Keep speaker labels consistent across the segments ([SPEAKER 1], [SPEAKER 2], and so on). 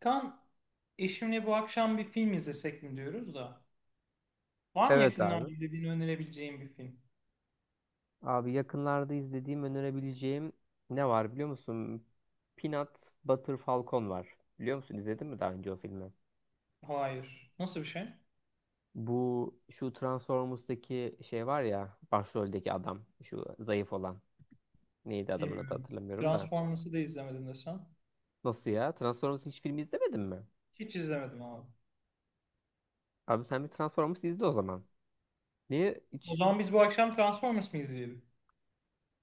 [SPEAKER 1] Kan, eşimle bu akşam bir film izlesek mi diyoruz da. Var mı
[SPEAKER 2] Evet
[SPEAKER 1] yakından
[SPEAKER 2] abi.
[SPEAKER 1] izlediğini önerebileceğim bir film?
[SPEAKER 2] Abi yakınlarda izlediğim önerebileceğim ne var biliyor musun? Peanut Butter Falcon var. Biliyor musun? İzledin mi daha önce o filmi?
[SPEAKER 1] Hayır. Nasıl bir şey?
[SPEAKER 2] Bu şu Transformers'taki şey var ya, başroldeki adam şu zayıf olan. Neydi adamın adı
[SPEAKER 1] Bilmiyorum.
[SPEAKER 2] hatırlamıyorum da.
[SPEAKER 1] Transformers'ı da izlemedim desem.
[SPEAKER 2] Nasıl ya? Transformers hiç filmi izlemedin mi?
[SPEAKER 1] Hiç izlemedim abi.
[SPEAKER 2] Abi sen bir Transformers izle o zaman. Niye
[SPEAKER 1] O
[SPEAKER 2] hiç
[SPEAKER 1] zaman biz bu akşam Transformers mı izleyelim?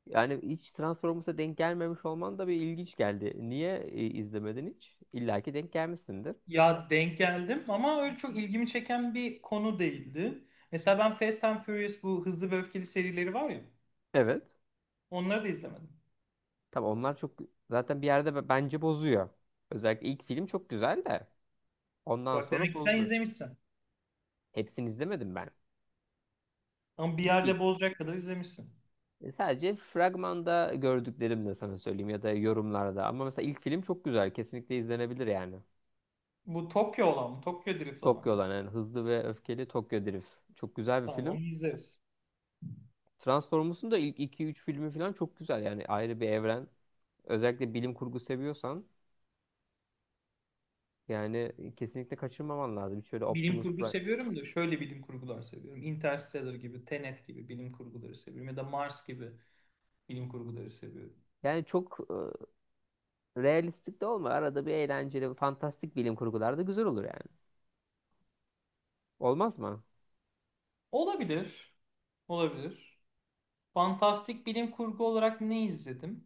[SPEAKER 2] yani hiç Transformers'a denk gelmemiş olman da bir ilginç geldi. Niye izlemedin hiç? İlla ki denk gelmişsindir.
[SPEAKER 1] Ya denk geldim ama öyle çok ilgimi çeken bir konu değildi. Mesela ben Fast and Furious bu hızlı ve öfkeli serileri var ya.
[SPEAKER 2] Evet.
[SPEAKER 1] Onları da izlemedim.
[SPEAKER 2] Tabii onlar çok zaten bir yerde bence bozuyor. Özellikle ilk film çok güzel de ondan
[SPEAKER 1] Bak demek
[SPEAKER 2] sonra
[SPEAKER 1] ki sen
[SPEAKER 2] bozdu.
[SPEAKER 1] izlemişsin.
[SPEAKER 2] Hepsini izlemedim ben.
[SPEAKER 1] Ama bir
[SPEAKER 2] İlk film
[SPEAKER 1] yerde bozacak kadar izlemişsin.
[SPEAKER 2] sadece fragmanda gördüklerimle sana söyleyeyim, ya da yorumlarda. Ama mesela ilk film çok güzel. Kesinlikle izlenebilir yani.
[SPEAKER 1] Bu Tokyo olan mı? Tokyo Drift olan
[SPEAKER 2] Tokyo
[SPEAKER 1] mı?
[SPEAKER 2] olan yani Hızlı ve Öfkeli Tokyo Drift. Çok güzel bir
[SPEAKER 1] Tamam
[SPEAKER 2] film.
[SPEAKER 1] onu izleriz.
[SPEAKER 2] Transformers'un da ilk iki üç filmi falan çok güzel. Yani ayrı bir evren. Özellikle bilim kurgu seviyorsan yani kesinlikle kaçırmaman lazım. Şöyle
[SPEAKER 1] Bilim
[SPEAKER 2] Optimus
[SPEAKER 1] kurgu
[SPEAKER 2] Prime.
[SPEAKER 1] seviyorum da şöyle bilim kurgular seviyorum. Interstellar gibi, Tenet gibi bilim kurguları seviyorum. Ya da Mars gibi bilim kurguları seviyorum.
[SPEAKER 2] Yani çok realistik de olma. Arada bir eğlenceli, fantastik bilim kurgular da güzel olur yani. Olmaz mı?
[SPEAKER 1] Olabilir. Olabilir. Fantastik bilim kurgu olarak ne izledim?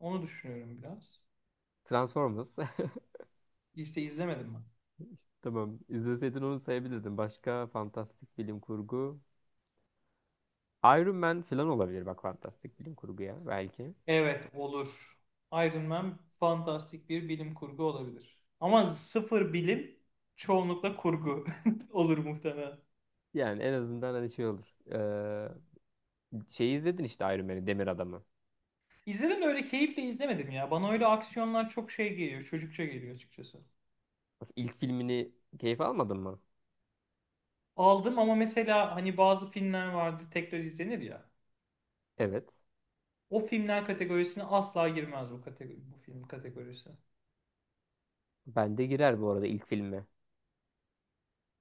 [SPEAKER 1] Onu düşünüyorum biraz.
[SPEAKER 2] Transformers.
[SPEAKER 1] İşte izlemedim ben.
[SPEAKER 2] İşte tamam. İzleseydin onu sayabilirdin. Başka fantastik bilim kurgu. Iron Man falan olabilir bak, fantastik bilim kurguya belki.
[SPEAKER 1] Evet olur. Iron Man fantastik bir bilim kurgu olabilir. Ama sıfır bilim çoğunlukla kurgu olur muhtemelen.
[SPEAKER 2] Yani en azından hani şey olur. Şeyi izledin işte Iron Man'i, Demir Adam'ı.
[SPEAKER 1] İzledim de öyle keyifle izlemedim ya. Bana öyle aksiyonlar çok şey geliyor, çocukça geliyor açıkçası.
[SPEAKER 2] Nasıl, İlk filmini keyif almadın mı?
[SPEAKER 1] Aldım ama mesela hani bazı filmler vardı tekrar izlenir ya.
[SPEAKER 2] Evet.
[SPEAKER 1] O filmler kategorisine asla girmez bu kategori, bu film kategorisi.
[SPEAKER 2] Ben de girer bu arada ilk filme.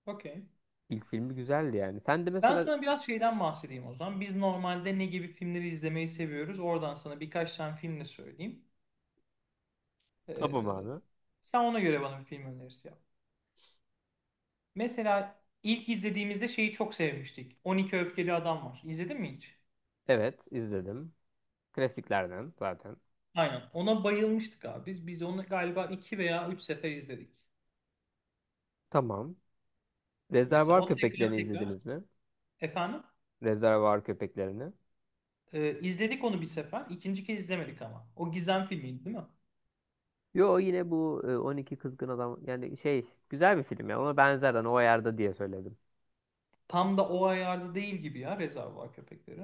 [SPEAKER 1] Okey.
[SPEAKER 2] İlk filmi güzeldi yani. Sen de
[SPEAKER 1] Ben
[SPEAKER 2] mesela
[SPEAKER 1] sana biraz şeyden bahsedeyim o zaman. Biz normalde ne gibi filmleri izlemeyi seviyoruz? Oradan sana birkaç tane film de söyleyeyim.
[SPEAKER 2] tamam
[SPEAKER 1] Ee,
[SPEAKER 2] abi.
[SPEAKER 1] sen ona göre bana bir film önerisi yap. Mesela ilk izlediğimizde şeyi çok sevmiştik. 12 Öfkeli Adam var. İzledin mi hiç?
[SPEAKER 2] Evet izledim. Klasiklerden zaten.
[SPEAKER 1] Aynen. Ona bayılmıştık abi. Biz onu galiba iki veya üç sefer izledik.
[SPEAKER 2] Tamam.
[SPEAKER 1] Mesela
[SPEAKER 2] Rezervuar
[SPEAKER 1] o tekrar
[SPEAKER 2] Köpeklerini
[SPEAKER 1] tekrar
[SPEAKER 2] izlediniz mi?
[SPEAKER 1] efendim
[SPEAKER 2] Rezervuar Köpeklerini.
[SPEAKER 1] izledik onu bir sefer. İkinci kez izlemedik ama. O gizem filmiydi değil mi?
[SPEAKER 2] Yo yine bu on iki Kızgın Adam yani şey güzel bir film ya, ona benzer hani, o ayarda diye söyledim.
[SPEAKER 1] Tam da o ayarda değil gibi ya Rezervuar Köpekleri.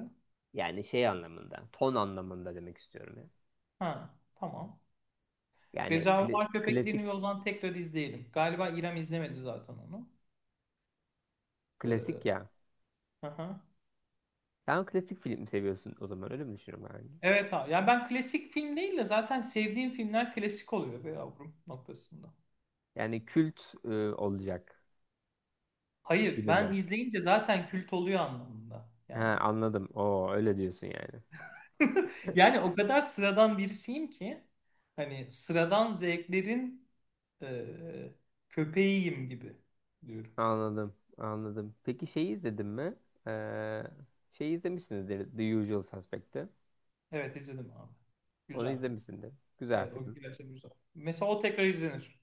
[SPEAKER 2] Yani şey anlamında, ton anlamında demek istiyorum ya.
[SPEAKER 1] Ha tamam.
[SPEAKER 2] Yani
[SPEAKER 1] Rezervuar Köpeklerini ve o
[SPEAKER 2] klasik
[SPEAKER 1] zaman tekrar izleyelim. Galiba İrem izlemedi zaten onu.
[SPEAKER 2] klasik
[SPEAKER 1] Ee,
[SPEAKER 2] ya.
[SPEAKER 1] hı hı.
[SPEAKER 2] Sen klasik film seviyorsun o zaman, öyle mi düşünüyorum yani?
[SPEAKER 1] Evet abi. Yani ben klasik film değil de zaten sevdiğim filmler klasik oluyor be yavrum noktasında.
[SPEAKER 2] Yani kült olacak
[SPEAKER 1] Hayır
[SPEAKER 2] gibi
[SPEAKER 1] ben
[SPEAKER 2] mi?
[SPEAKER 1] izleyince zaten kült oluyor anlamında.
[SPEAKER 2] He
[SPEAKER 1] Yani
[SPEAKER 2] anladım. Oo öyle diyorsun yani.
[SPEAKER 1] Yani o kadar sıradan birisiyim ki hani sıradan zevklerin e, köpeğiyim gibi diyorum.
[SPEAKER 2] Anladım, anladım. Peki şeyi izledin mi? Ee, şeyi izlemişsinizdir, The Usual Suspect'i.
[SPEAKER 1] Evet izledim abi.
[SPEAKER 2] Onu
[SPEAKER 1] Güzel film.
[SPEAKER 2] izlemişsindir. Güzel
[SPEAKER 1] Evet o
[SPEAKER 2] film.
[SPEAKER 1] gerçekten güzel. Mesela o tekrar izlenir.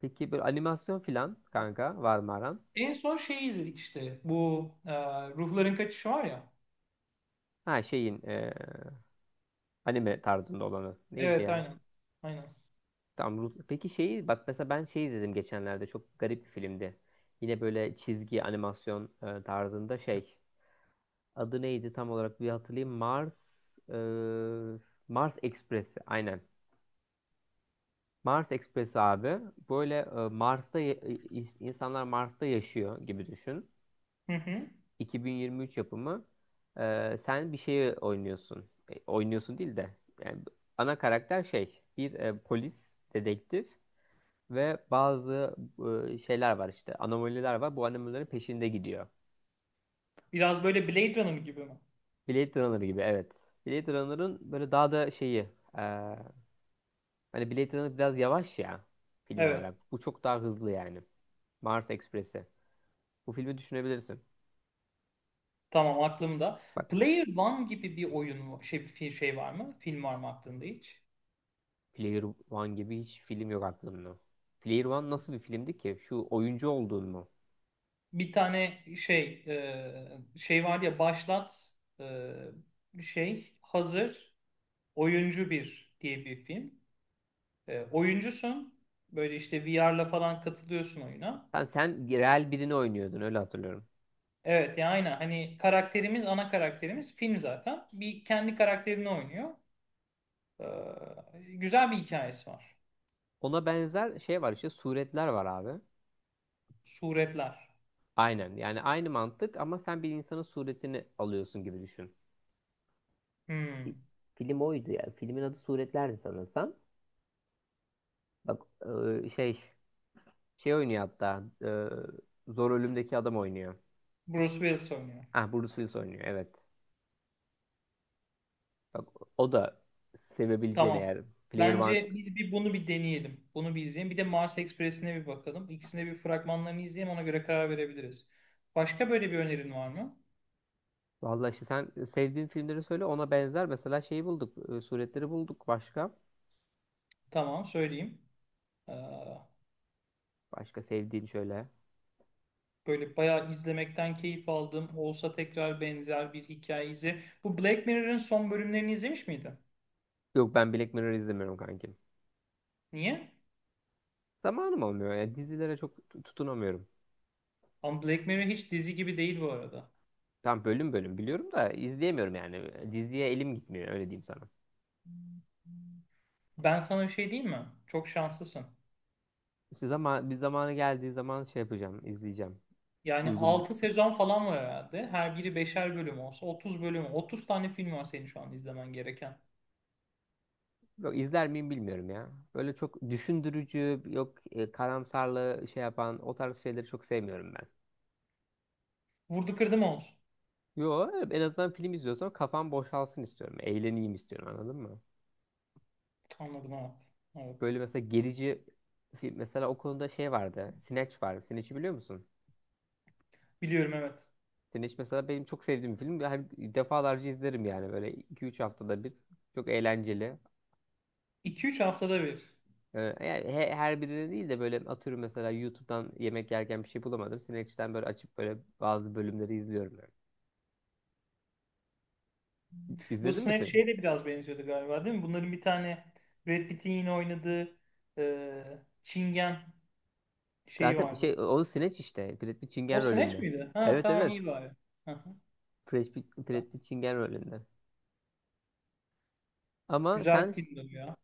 [SPEAKER 2] Peki böyle animasyon filan kanka var mı aran?
[SPEAKER 1] En son şeyi izledik işte bu Ruhların Kaçışı var ya.
[SPEAKER 2] Ha şeyin anime tarzında olanı. Neydi
[SPEAKER 1] Evet
[SPEAKER 2] ya?
[SPEAKER 1] aynen. Aynen.
[SPEAKER 2] Peki şeyi bak mesela, ben şey izledim geçenlerde, çok garip bir filmdi. Yine böyle çizgi animasyon tarzında şey. Adı neydi tam olarak, bir hatırlayayım. Mars ee, Mars Express'i aynen. Mars Express abi, böyle Mars'ta insanlar Mars'ta yaşıyor gibi düşün.
[SPEAKER 1] Hı hı.
[SPEAKER 2] 2023 yapımı. E, sen bir şeyi oynuyorsun. E, oynuyorsun değil de yani ana karakter şey bir polis dedektif ve bazı şeyler var işte, anomaliler var. Bu anomalilerin peşinde gidiyor.
[SPEAKER 1] Biraz böyle Blade Runner gibi mi?
[SPEAKER 2] Blade Runner gibi evet. Blade Runner'ın böyle daha da şeyi e, hani Blade Runner biraz yavaş ya, film
[SPEAKER 1] Evet,
[SPEAKER 2] olarak. Bu çok daha hızlı yani. Mars Express'i. Bu filmi düşünebilirsin.
[SPEAKER 1] tamam, aklımda.
[SPEAKER 2] Bak,
[SPEAKER 1] Player One gibi bir şey, bir şey var mı? Film var mı aklında hiç?
[SPEAKER 2] Player One gibi hiç film yok aklımda. Player One nasıl bir filmdi ki? Şu oyuncu olduğun mu?
[SPEAKER 1] Bir tane şey şey var ya başlat şey hazır oyuncu bir diye bir film. Oyuncusun böyle işte VR'la falan katılıyorsun oyuna.
[SPEAKER 2] Sen real birini oynuyordun öyle hatırlıyorum.
[SPEAKER 1] Evet ya aynen hani karakterimiz ana karakterimiz film zaten bir kendi karakterini oynuyor. Güzel bir hikayesi var.
[SPEAKER 2] Ona benzer şey var işte, suretler var abi.
[SPEAKER 1] Suretler.
[SPEAKER 2] Aynen, yani aynı mantık ama sen bir insanın suretini alıyorsun gibi düşün. Fi-
[SPEAKER 1] Hmm.
[SPEAKER 2] Film oydu ya. Filmin adı Suretlerdi sanırsam. Bak e, şey şey oynuyor hatta, Zor Ölüm'deki adam oynuyor.
[SPEAKER 1] Bruce Willis oynuyor.
[SPEAKER 2] Ah, Bruce Willis oynuyor evet. Bak, o da sevebileceğin,
[SPEAKER 1] Tamam.
[SPEAKER 2] eğer Player One...
[SPEAKER 1] Bence biz bir bunu bir deneyelim. Bunu bir izleyelim. Bir de Mars Express'ine bir bakalım. İkisine bir fragmanlarını izleyelim. Ona göre karar verebiliriz. Başka böyle bir önerin var mı?
[SPEAKER 2] Vallahi işte sen sevdiğin filmleri söyle, ona benzer. Mesela şeyi bulduk. Suretleri bulduk. Başka?
[SPEAKER 1] Tamam, söyleyeyim. Ee,
[SPEAKER 2] Başka sevdiğin şöyle.
[SPEAKER 1] böyle bayağı izlemekten keyif aldığım olsa tekrar benzer bir hikaye izle. Bu Black Mirror'ın son bölümlerini izlemiş miydin?
[SPEAKER 2] Yok, ben Black Mirror izlemiyorum kankim.
[SPEAKER 1] Niye?
[SPEAKER 2] Zamanım olmuyor. Ya dizilere çok tutunamıyorum.
[SPEAKER 1] Ama Black Mirror hiç dizi gibi değil bu arada.
[SPEAKER 2] Tam bölüm bölüm biliyorum da izleyemiyorum yani. Diziye elim gitmiyor, öyle diyeyim sana.
[SPEAKER 1] Ben sana bir şey diyeyim mi? Çok şanslısın.
[SPEAKER 2] İşte zaman bir zamanı geldiği zaman şey yapacağım, izleyeceğim.
[SPEAKER 1] Yani
[SPEAKER 2] Uygun bir...
[SPEAKER 1] 6 sezon falan var herhalde. Her biri beşer bölüm olsa 30 bölüm. 30 tane film var senin şu an izlemen gereken.
[SPEAKER 2] Yok, izler miyim bilmiyorum ya. Böyle çok düşündürücü, yok karamsarlığı şey yapan o tarz şeyleri çok sevmiyorum ben.
[SPEAKER 1] Vurdu kırdı mı olsun?
[SPEAKER 2] Yo evet, en azından film izliyorsam kafam boşalsın istiyorum. Eğleneyim istiyorum, anladın mı?
[SPEAKER 1] Anladım, evet.
[SPEAKER 2] Böyle
[SPEAKER 1] Evet.
[SPEAKER 2] mesela gerici film mesela, o konuda şey vardı. Snatch var. Snatch'i biliyor musun?
[SPEAKER 1] Biliyorum, evet.
[SPEAKER 2] Snatch mesela benim çok sevdiğim bir film. Her defalarca izlerim yani, böyle iki üç haftada bir. Çok eğlenceli.
[SPEAKER 1] 2-3 haftada bir.
[SPEAKER 2] Yani her birine değil de böyle atıyorum mesela, YouTube'dan yemek yerken bir şey bulamadım, Snatch'ten böyle açıp böyle bazı bölümleri izliyorum yani.
[SPEAKER 1] Bu
[SPEAKER 2] İzledin mi
[SPEAKER 1] Snatch
[SPEAKER 2] seni?
[SPEAKER 1] şeye de biraz benziyordu galiba değil mi? Bunların bir tane Brad Pitt'in yine oynadığı Çingen şeyi
[SPEAKER 2] Zaten
[SPEAKER 1] vardı.
[SPEAKER 2] şey o Snatch işte. Brad Pitt
[SPEAKER 1] O
[SPEAKER 2] Çingen
[SPEAKER 1] Snatch
[SPEAKER 2] rolünde.
[SPEAKER 1] miydi? Ha,
[SPEAKER 2] Evet
[SPEAKER 1] tamam,
[SPEAKER 2] evet.
[SPEAKER 1] iyi bari. Hı hı.
[SPEAKER 2] Brad Pitt Çingen rolünde. Ama
[SPEAKER 1] Güzel
[SPEAKER 2] sen
[SPEAKER 1] bir filmdi bu ya.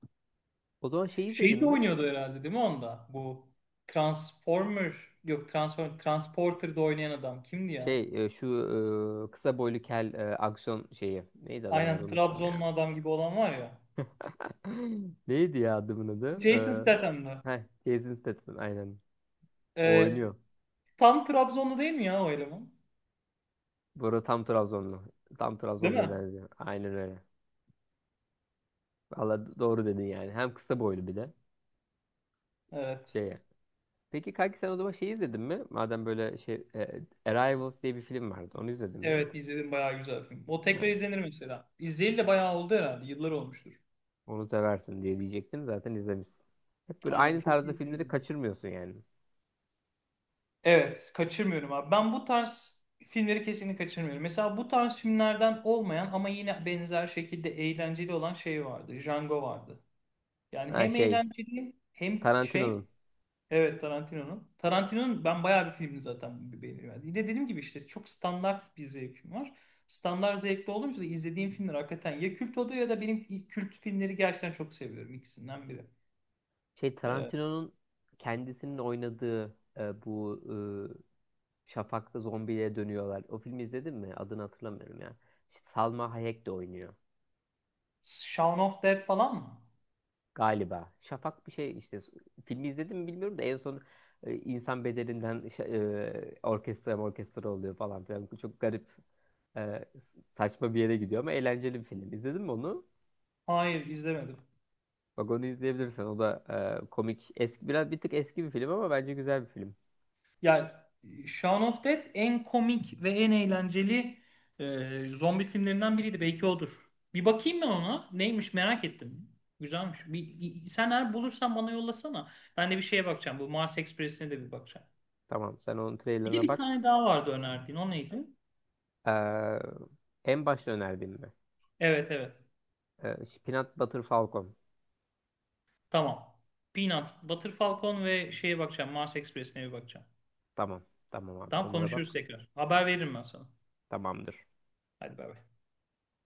[SPEAKER 2] o zaman şey izledin
[SPEAKER 1] Şey de
[SPEAKER 2] mi?
[SPEAKER 1] oynuyordu herhalde değil mi onda? Bu Transformer, yok, Transporter'da oynayan adam kimdi ya?
[SPEAKER 2] Şey şu kısa boylu kel aksiyon şeyi. Neydi adamın adı,
[SPEAKER 1] Aynen
[SPEAKER 2] unuttum ya.
[SPEAKER 1] Trabzonlu adam gibi olan var ya.
[SPEAKER 2] Neydi ya adamın adı?
[SPEAKER 1] Jason Statham'dı.
[SPEAKER 2] Ee, heh, Jason Statham aynen. O
[SPEAKER 1] Ee,
[SPEAKER 2] oynuyor.
[SPEAKER 1] tam Trabzonlu değil mi ya o eleman?
[SPEAKER 2] Bu arada tam Trabzonlu. Tam
[SPEAKER 1] Değil
[SPEAKER 2] Trabzonlu'ya
[SPEAKER 1] mi?
[SPEAKER 2] benziyor. Aynen öyle. Valla doğru dedin yani. Hem kısa boylu bir de.
[SPEAKER 1] Evet.
[SPEAKER 2] Şeye. Peki kanki sen o zaman şey izledin mi? Madem böyle şey, Arrivals diye bir film vardı. Onu izledin mi?
[SPEAKER 1] Evet izledim, bayağı güzel film. O tekrar
[SPEAKER 2] Evet.
[SPEAKER 1] izlenir mesela. İzleyeli de bayağı oldu herhalde. Yıllar olmuştur.
[SPEAKER 2] Onu seversin diye diyecektim. Zaten izlemişsin. Hep böyle
[SPEAKER 1] Aynen,
[SPEAKER 2] aynı
[SPEAKER 1] çok
[SPEAKER 2] tarzda
[SPEAKER 1] iyi
[SPEAKER 2] filmleri
[SPEAKER 1] film.
[SPEAKER 2] kaçırmıyorsun yani.
[SPEAKER 1] Evet, kaçırmıyorum abi. Ben bu tarz filmleri kesinlikle kaçırmıyorum. Mesela bu tarz filmlerden olmayan ama yine benzer şekilde eğlenceli olan şey vardı. Django vardı. Yani
[SPEAKER 2] Ha
[SPEAKER 1] hem
[SPEAKER 2] şey
[SPEAKER 1] eğlenceli hem şey.
[SPEAKER 2] Tarantino'nun.
[SPEAKER 1] Evet, Tarantino'nun. Tarantino'nun ben bayağı bir filmini zaten beğeniyorum. Yine dediğim gibi işte çok standart bir zevkim var. Standart zevkte olunca da izlediğim filmler hakikaten ya kült oluyor ya da benim ilk kült filmleri gerçekten çok seviyorum, ikisinden biri.
[SPEAKER 2] Şey
[SPEAKER 1] Ee,
[SPEAKER 2] Tarantino'nun kendisinin oynadığı bu Şafak'ta zombiye dönüyorlar. O filmi izledin mi? Adını hatırlamıyorum ya. Şey, Salma Hayek de oynuyor.
[SPEAKER 1] Shaun of Dead falan mı?
[SPEAKER 2] Galiba. Şafak bir şey işte. Filmi izledim mi bilmiyorum da, en son e, insan bedelinden şa- orkestra oluyor falan filan. Çok garip e, saçma bir yere gidiyor ama eğlenceli bir film. İzledin mi onu?
[SPEAKER 1] Hayır, izlemedim.
[SPEAKER 2] Bak, onu izleyebilirsin. O da komik. Eski, biraz bir tık eski bir film ama bence güzel bir film.
[SPEAKER 1] Ya, Shaun of Dead en komik ve en eğlenceli zombi filmlerinden biriydi. Belki odur. Bir bakayım ben ona. Neymiş, merak ettim. Güzelmiş. Bir, sen eğer bulursan bana yollasana. Ben de bir şeye bakacağım. Bu Mars Express'ine de bir bakacağım.
[SPEAKER 2] Tamam, sen onun
[SPEAKER 1] Bir de
[SPEAKER 2] trailerına
[SPEAKER 1] bir
[SPEAKER 2] bak.
[SPEAKER 1] tane daha vardı önerdiğin. O neydi?
[SPEAKER 2] E, en başta önerdiğim mi?
[SPEAKER 1] Evet, evet.
[SPEAKER 2] E, Peanut Butter Falcon.
[SPEAKER 1] Tamam. Peanut, Butter Falcon ve şeye bakacağım. Mars Express'ine bir bakacağım.
[SPEAKER 2] Tamam. Tamam abi.
[SPEAKER 1] Tamam,
[SPEAKER 2] Onlara
[SPEAKER 1] konuşuruz
[SPEAKER 2] bak.
[SPEAKER 1] tekrar. Haber veririm ben sana.
[SPEAKER 2] Tamamdır.
[SPEAKER 1] Hadi, bay bay.